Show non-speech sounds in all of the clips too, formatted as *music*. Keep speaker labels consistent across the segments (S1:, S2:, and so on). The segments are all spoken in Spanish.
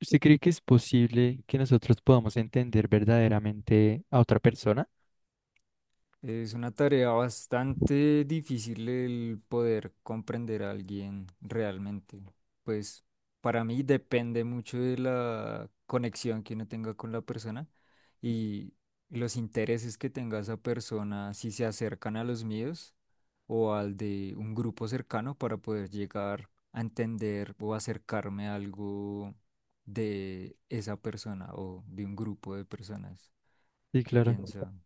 S1: ¿Usted cree que es posible que nosotros podamos entender verdaderamente a otra persona?
S2: Es una tarea bastante difícil el poder comprender a alguien realmente. Pues, para mí depende mucho de la conexión que uno tenga con la persona y los intereses que tenga esa persona, si se acercan a los míos o al de un grupo cercano para poder llegar a entender o acercarme a algo de esa persona o de un grupo de personas
S1: Sí,
S2: que
S1: claro.
S2: piensan.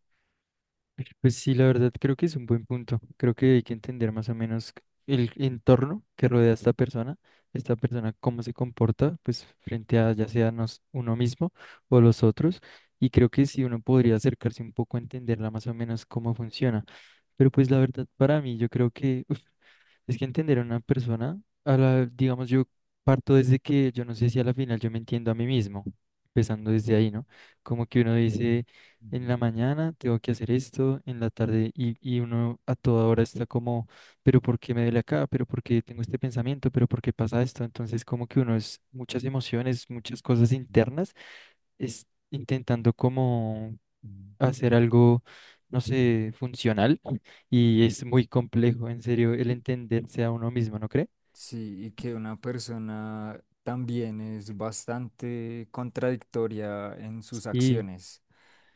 S1: Pues sí, la verdad creo que es un buen punto. Creo que hay que entender más o menos el entorno que rodea a esta persona cómo se comporta, pues frente a ya sea nos, uno mismo o los otros. Y creo que sí uno podría acercarse un poco a entenderla más o menos cómo funciona. Pero pues la verdad para mí yo creo que *laughs* Es que entender a una persona, digamos, yo parto desde que yo no sé si a la final yo me entiendo a mí mismo, empezando
S2: Sí.
S1: desde ahí, ¿no? Como que uno dice, en
S2: Ujú,
S1: la mañana tengo que hacer esto, en la tarde, y uno a toda hora está como, pero ¿por qué me duele acá? ¿Pero por qué tengo este pensamiento? ¿Pero por qué pasa esto? Entonces, como que uno es muchas emociones, muchas cosas
S2: ujú.
S1: internas, es intentando como
S2: Mm.
S1: hacer algo, no sé, funcional y es muy complejo, en serio, el
S2: Y-
S1: entenderse a uno mismo, ¿no cree?
S2: Sí, y que una persona también es bastante contradictoria en sus
S1: Sí,
S2: acciones,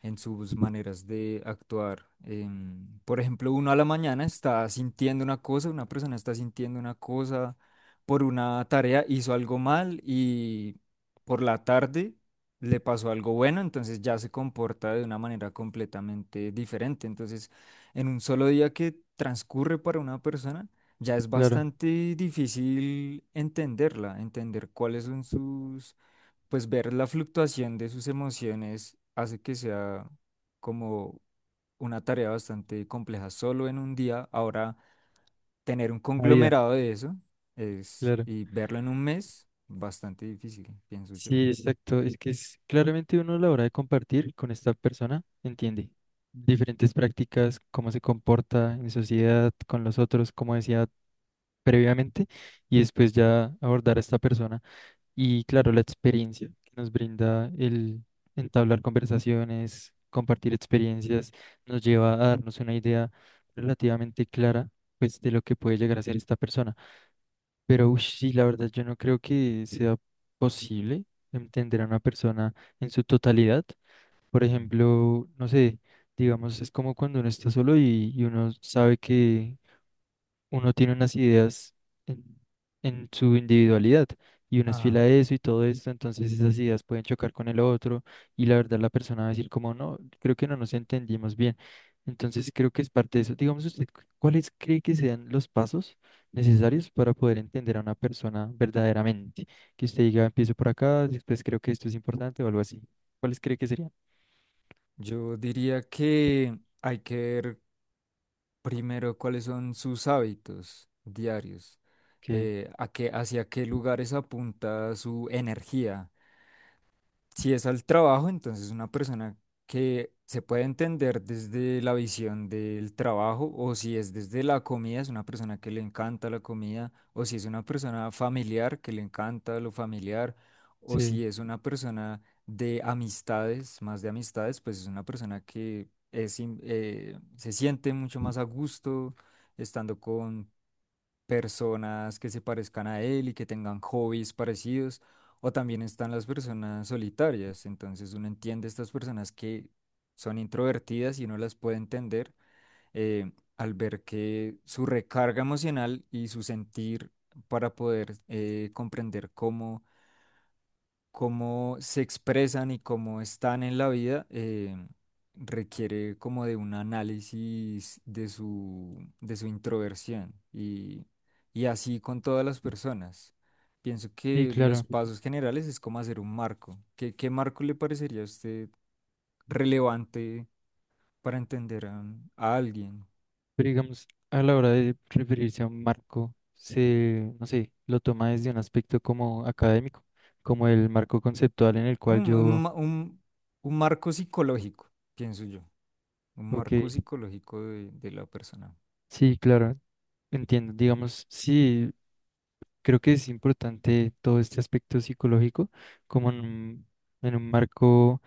S2: en sus maneras de actuar. Por ejemplo, uno a la mañana está sintiendo una cosa, una persona está sintiendo una cosa por una tarea, hizo algo mal, y por la tarde le pasó algo bueno, entonces ya se comporta de una manera completamente diferente. Entonces, en un solo día que transcurre para una persona, ya es
S1: claro,
S2: bastante difícil entenderla, entender cuáles son sus, pues ver la fluctuación de sus emociones hace que sea como una tarea bastante compleja solo en un día. Ahora, tener un
S1: la vida,
S2: conglomerado de eso es,
S1: claro.
S2: y verlo en un mes, bastante difícil, pienso yo.
S1: Sí, exacto. Es que es claramente uno a la hora de compartir con esta persona entiende diferentes prácticas, cómo se comporta en sociedad, con los otros, como decía previamente, y después ya abordar a esta persona. Y claro, la experiencia que nos brinda el entablar conversaciones, compartir experiencias, nos lleva a darnos una idea relativamente clara, pues, de lo que puede llegar a ser esta persona. Pero ush, sí, la verdad, yo no creo que sea posible entender a una persona en su totalidad. Por
S2: Ujú.
S1: ejemplo, no sé, digamos, es como cuando uno está solo y uno sabe que uno tiene unas ideas en, en su individualidad y uno es
S2: Ajá.
S1: esfila eso y todo esto, entonces esas ideas pueden chocar con el otro y la verdad la persona va a decir como no, creo que no nos entendimos bien. Entonces creo que es parte de eso. Digamos usted, ¿cuáles cree que sean los pasos necesarios para poder entender a una persona verdaderamente? Que usted diga, empiezo por acá, después creo que esto es importante o algo así. ¿Cuáles cree que serían?
S2: Yo diría que hay que ver primero cuáles son sus hábitos diarios,
S1: Que
S2: a qué, hacia qué lugares apunta su energía. Si es al trabajo, entonces una persona que se puede entender desde la visión del trabajo; o si es desde la comida, es una persona que le encanta la comida; o si es una persona familiar que le encanta lo familiar; o
S1: sí,
S2: si es una persona de amistades, más de amistades, pues es una persona que es, se siente mucho más a gusto estando con personas que se parezcan a él y que tengan hobbies parecidos; o también están las personas solitarias. Entonces uno entiende estas personas que son introvertidas, y uno las puede entender, eh, al ver que su recarga emocional y su sentir, para poder comprender cómo se expresan y cómo están en la vida, requiere como de un análisis de su introversión, y así con todas las personas. Pienso
S1: sí,
S2: que los
S1: claro.
S2: pasos generales es como hacer un marco. ¿Qué marco le parecería a usted relevante para entender a alguien?
S1: Pero digamos, a la hora de referirse a un marco, se, no sé, lo toma desde un aspecto como académico, como el marco conceptual en el cual
S2: Un, un
S1: yo,
S2: ma- un- un marco psicológico, pienso yo. Un
S1: ok,
S2: marco psicológico de la persona.
S1: sí, claro, entiendo. Digamos, sí, creo que es importante todo este aspecto psicológico como en un marco.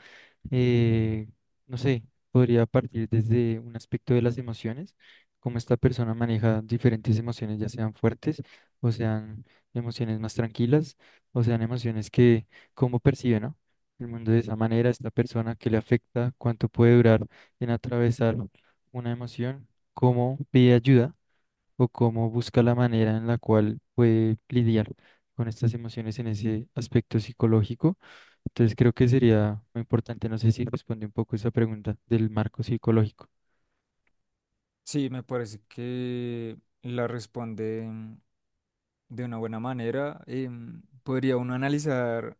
S1: eh, no sé, podría partir desde un aspecto de las emociones, cómo esta persona maneja diferentes emociones, ya sean fuertes o sean emociones más tranquilas o sean emociones que, cómo percibe, ¿no? El mundo de esa manera, esta persona que le afecta, cuánto puede durar en atravesar una emoción, cómo pide ayuda o cómo busca la manera en la cual puede lidiar con estas emociones en ese aspecto psicológico. Entonces creo que sería muy importante, no sé si responde un poco esa pregunta del marco psicológico.
S2: Sí, me parece que la responde, de una buena manera. Podría uno analizar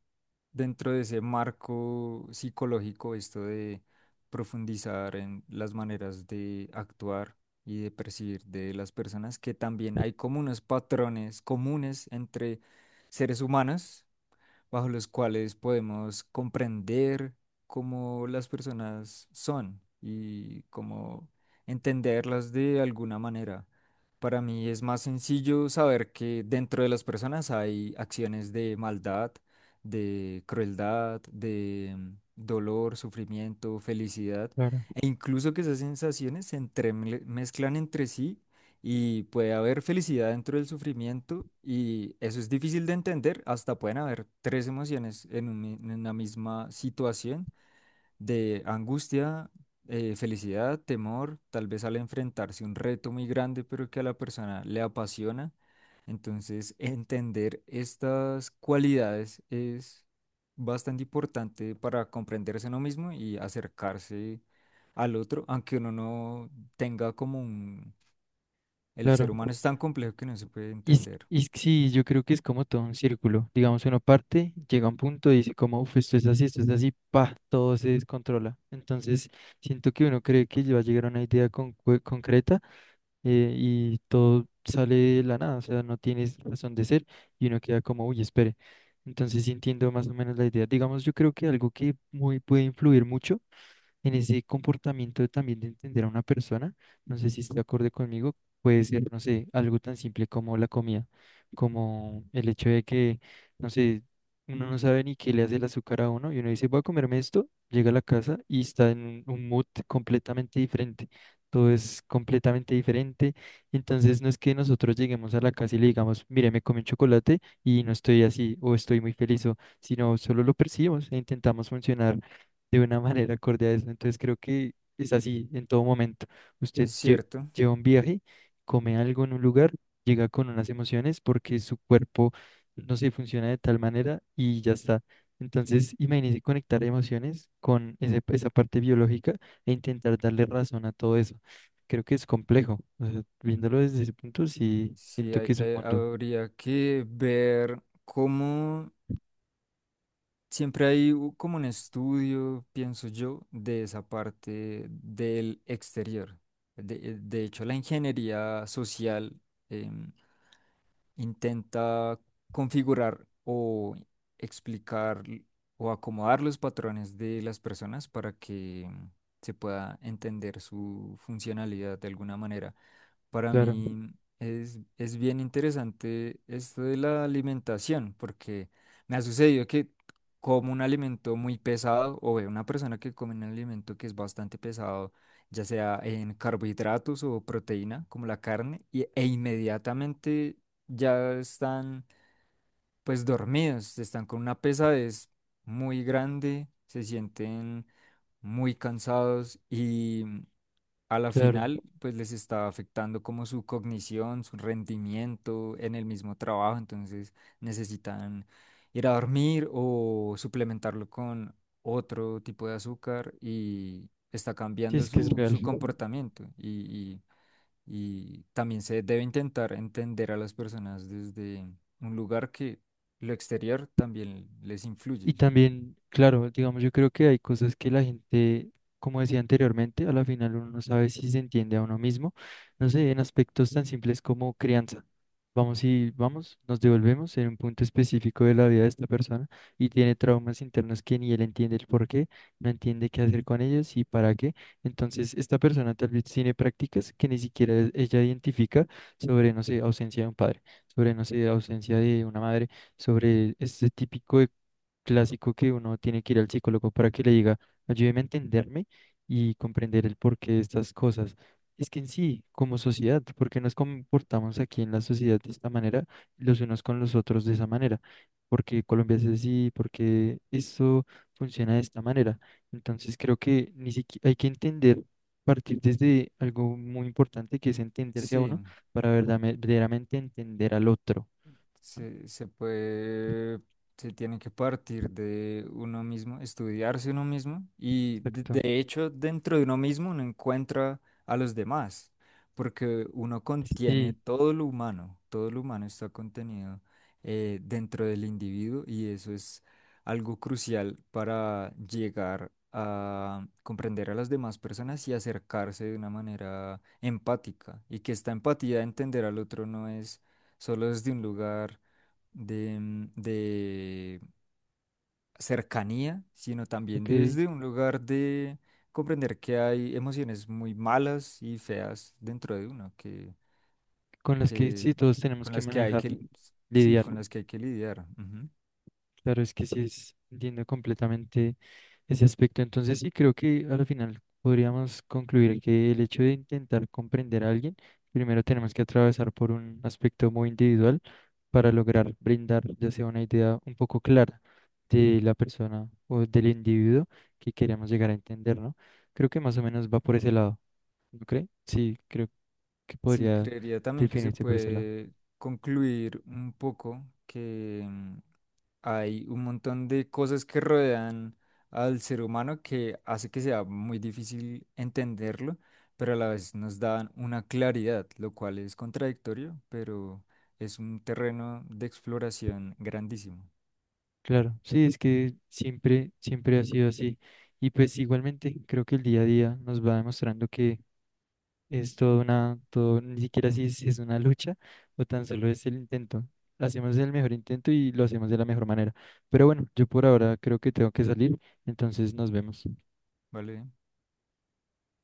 S2: dentro de ese marco psicológico esto de profundizar en las maneras de actuar y de percibir de las personas, que también hay como unos patrones comunes entre seres humanos bajo los cuales podemos comprender cómo las personas son y cómo entenderlas de alguna manera. Para mí es más sencillo saber que dentro de las personas hay acciones de maldad, de crueldad, de, dolor, sufrimiento, felicidad,
S1: Claro,
S2: e incluso que esas sensaciones se entremezclan entre sí, y puede haber felicidad dentro del sufrimiento, y eso es difícil de entender. Hasta pueden haber tres emociones en una misma situación de angustia, felicidad, temor, tal vez al enfrentarse un reto muy grande pero que a la persona le apasiona. Entonces, entender estas cualidades es bastante importante para comprenderse uno mismo y acercarse al otro, aunque uno no tenga como... El
S1: claro.
S2: ser humano es tan complejo que no se puede
S1: Y,
S2: entender.
S1: y es que sí, yo creo que es como todo un círculo. Digamos, uno parte, llega a un punto y dice como, uff, esto es así, pa, todo se descontrola. Entonces, siento que uno cree que va a llegar a una idea concreta y todo sale de la nada, o sea, no tienes razón de ser y uno queda como, uy, espere. Entonces sí entiendo más o menos la idea. Digamos, yo creo que algo que muy puede influir mucho en ese comportamiento también de entender a una persona, no sé si está de acuerdo conmigo, puede ser, no sé, algo tan simple como la comida, como el hecho de que, no sé, uno no sabe ni qué le hace el azúcar a uno y uno dice, voy a comerme esto, llega a la casa y está en un mood completamente diferente. Todo es completamente diferente. Entonces no es que nosotros lleguemos a la casa y le digamos, mire, me comí un chocolate y no estoy así o estoy muy feliz, o, sino solo lo percibimos e intentamos funcionar de una manera acorde a eso. Entonces creo que es así en todo momento. Usted
S2: Es
S1: lle-
S2: cierto,
S1: lleva un viaje, come algo en un lugar, llega con unas emociones porque su cuerpo, no sé, funciona de tal manera y ya está. Entonces, imagínese conectar emociones con esa parte biológica e intentar darle razón a todo eso. Creo que es complejo. O sea, viéndolo desde ese punto, sí,
S2: sí,
S1: siento que es un mundo.
S2: habría que ver cómo siempre hay como un estudio, pienso yo, de esa parte del exterior. De hecho, la ingeniería social em, intenta configurar o explicar, o acomodar los patrones de las personas, para que se pueda entender su funcionalidad de alguna manera. Para
S1: Claro,
S2: mí es bien interesante esto de la alimentación, porque me ha sucedido que como un alimento muy pesado, o veo una persona que come un alimento que es bastante pesado, ya sea en carbohidratos o proteína, como la carne, e inmediatamente ya están, pues, dormidos, están con una pesadez muy grande, se sienten muy cansados, y a la
S1: claro.
S2: final, pues les estaba afectando como su cognición, su rendimiento en el mismo trabajo. Entonces necesitan ir a dormir o suplementarlo con otro tipo de azúcar, y está
S1: Sí,
S2: cambiando
S1: es que es
S2: su,
S1: real.
S2: su comportamiento, y también se debe intentar entender a las personas desde un lugar que lo exterior también les
S1: Y
S2: influye.
S1: también, claro, digamos, yo creo que hay cosas que la gente, como decía anteriormente, a la final uno no sabe si se entiende a uno mismo, no sé, en aspectos tan simples como crianza. Vamos y vamos, nos devolvemos en un punto específico de la vida de esta persona y tiene traumas internos que ni él entiende el por qué, no entiende qué hacer con ellos y para qué. Entonces, esta persona tal vez tiene prácticas que ni siquiera ella identifica sobre, no sé, ausencia de un padre, sobre, no sé, ausencia de una madre sobre este típico clásico que uno tiene que ir al psicólogo para que le diga, ayúdeme a entenderme y comprender el porqué de estas cosas. Es que en sí, como sociedad, ¿por qué nos comportamos aquí en la sociedad de esta manera, los unos con los otros de esa manera? ¿Por qué Colombia es así? ¿Por qué esto funciona de esta manera? Entonces creo que ni siquiera hay que entender, partir desde algo muy importante que es entenderse a
S2: Sí.
S1: uno para verdaderamente entender al otro.
S2: Se puede, se tiene que partir de uno mismo, estudiarse uno mismo, y de,
S1: Exacto.
S2: de hecho dentro de uno mismo uno encuentra a los demás, porque uno contiene
S1: Sí,
S2: todo lo humano. Todo lo humano está contenido, dentro del individuo, y eso es algo crucial para llegar a comprender a las demás personas y acercarse de una manera empática, y que esta empatía, de entender al otro, no es solo desde un lugar de cercanía, sino también
S1: ok.
S2: desde un lugar de comprender que hay emociones muy malas y feas dentro de uno, que,
S1: Con las que
S2: que
S1: sí todos tenemos
S2: con
S1: que
S2: las que hay
S1: manejar,
S2: que, sí,
S1: lidiar.
S2: con las que hay que lidiar. Ujú.
S1: Claro, es que sí entiendo completamente ese aspecto. Entonces sí creo que al final podríamos concluir que el hecho de intentar comprender a alguien, primero tenemos que atravesar por un aspecto muy individual para lograr brindar ya sea una idea un poco clara de la persona o del individuo que queremos llegar a entender, ¿no? Creo que más o menos va por ese lado, ¿no cree? Sí, creo que
S2: Sí,
S1: podría
S2: creería también que se
S1: definirse por ese lado.
S2: puede concluir un poco que, hay un montón de cosas que rodean al ser humano, que hace que sea muy difícil entenderlo, pero a la vez nos dan una claridad, lo cual es contradictorio, pero es un terreno de exploración grandísimo.
S1: Claro, sí, es que siempre, siempre ha sido así. Y pues igualmente creo que el día a día nos va demostrando que es toda una, todo, ni siquiera si es, es una lucha o tan solo es el intento. Hacemos el mejor intento y lo hacemos de la mejor manera. Pero bueno, yo por ahora creo que tengo que salir, entonces nos vemos.
S2: ¿Vale?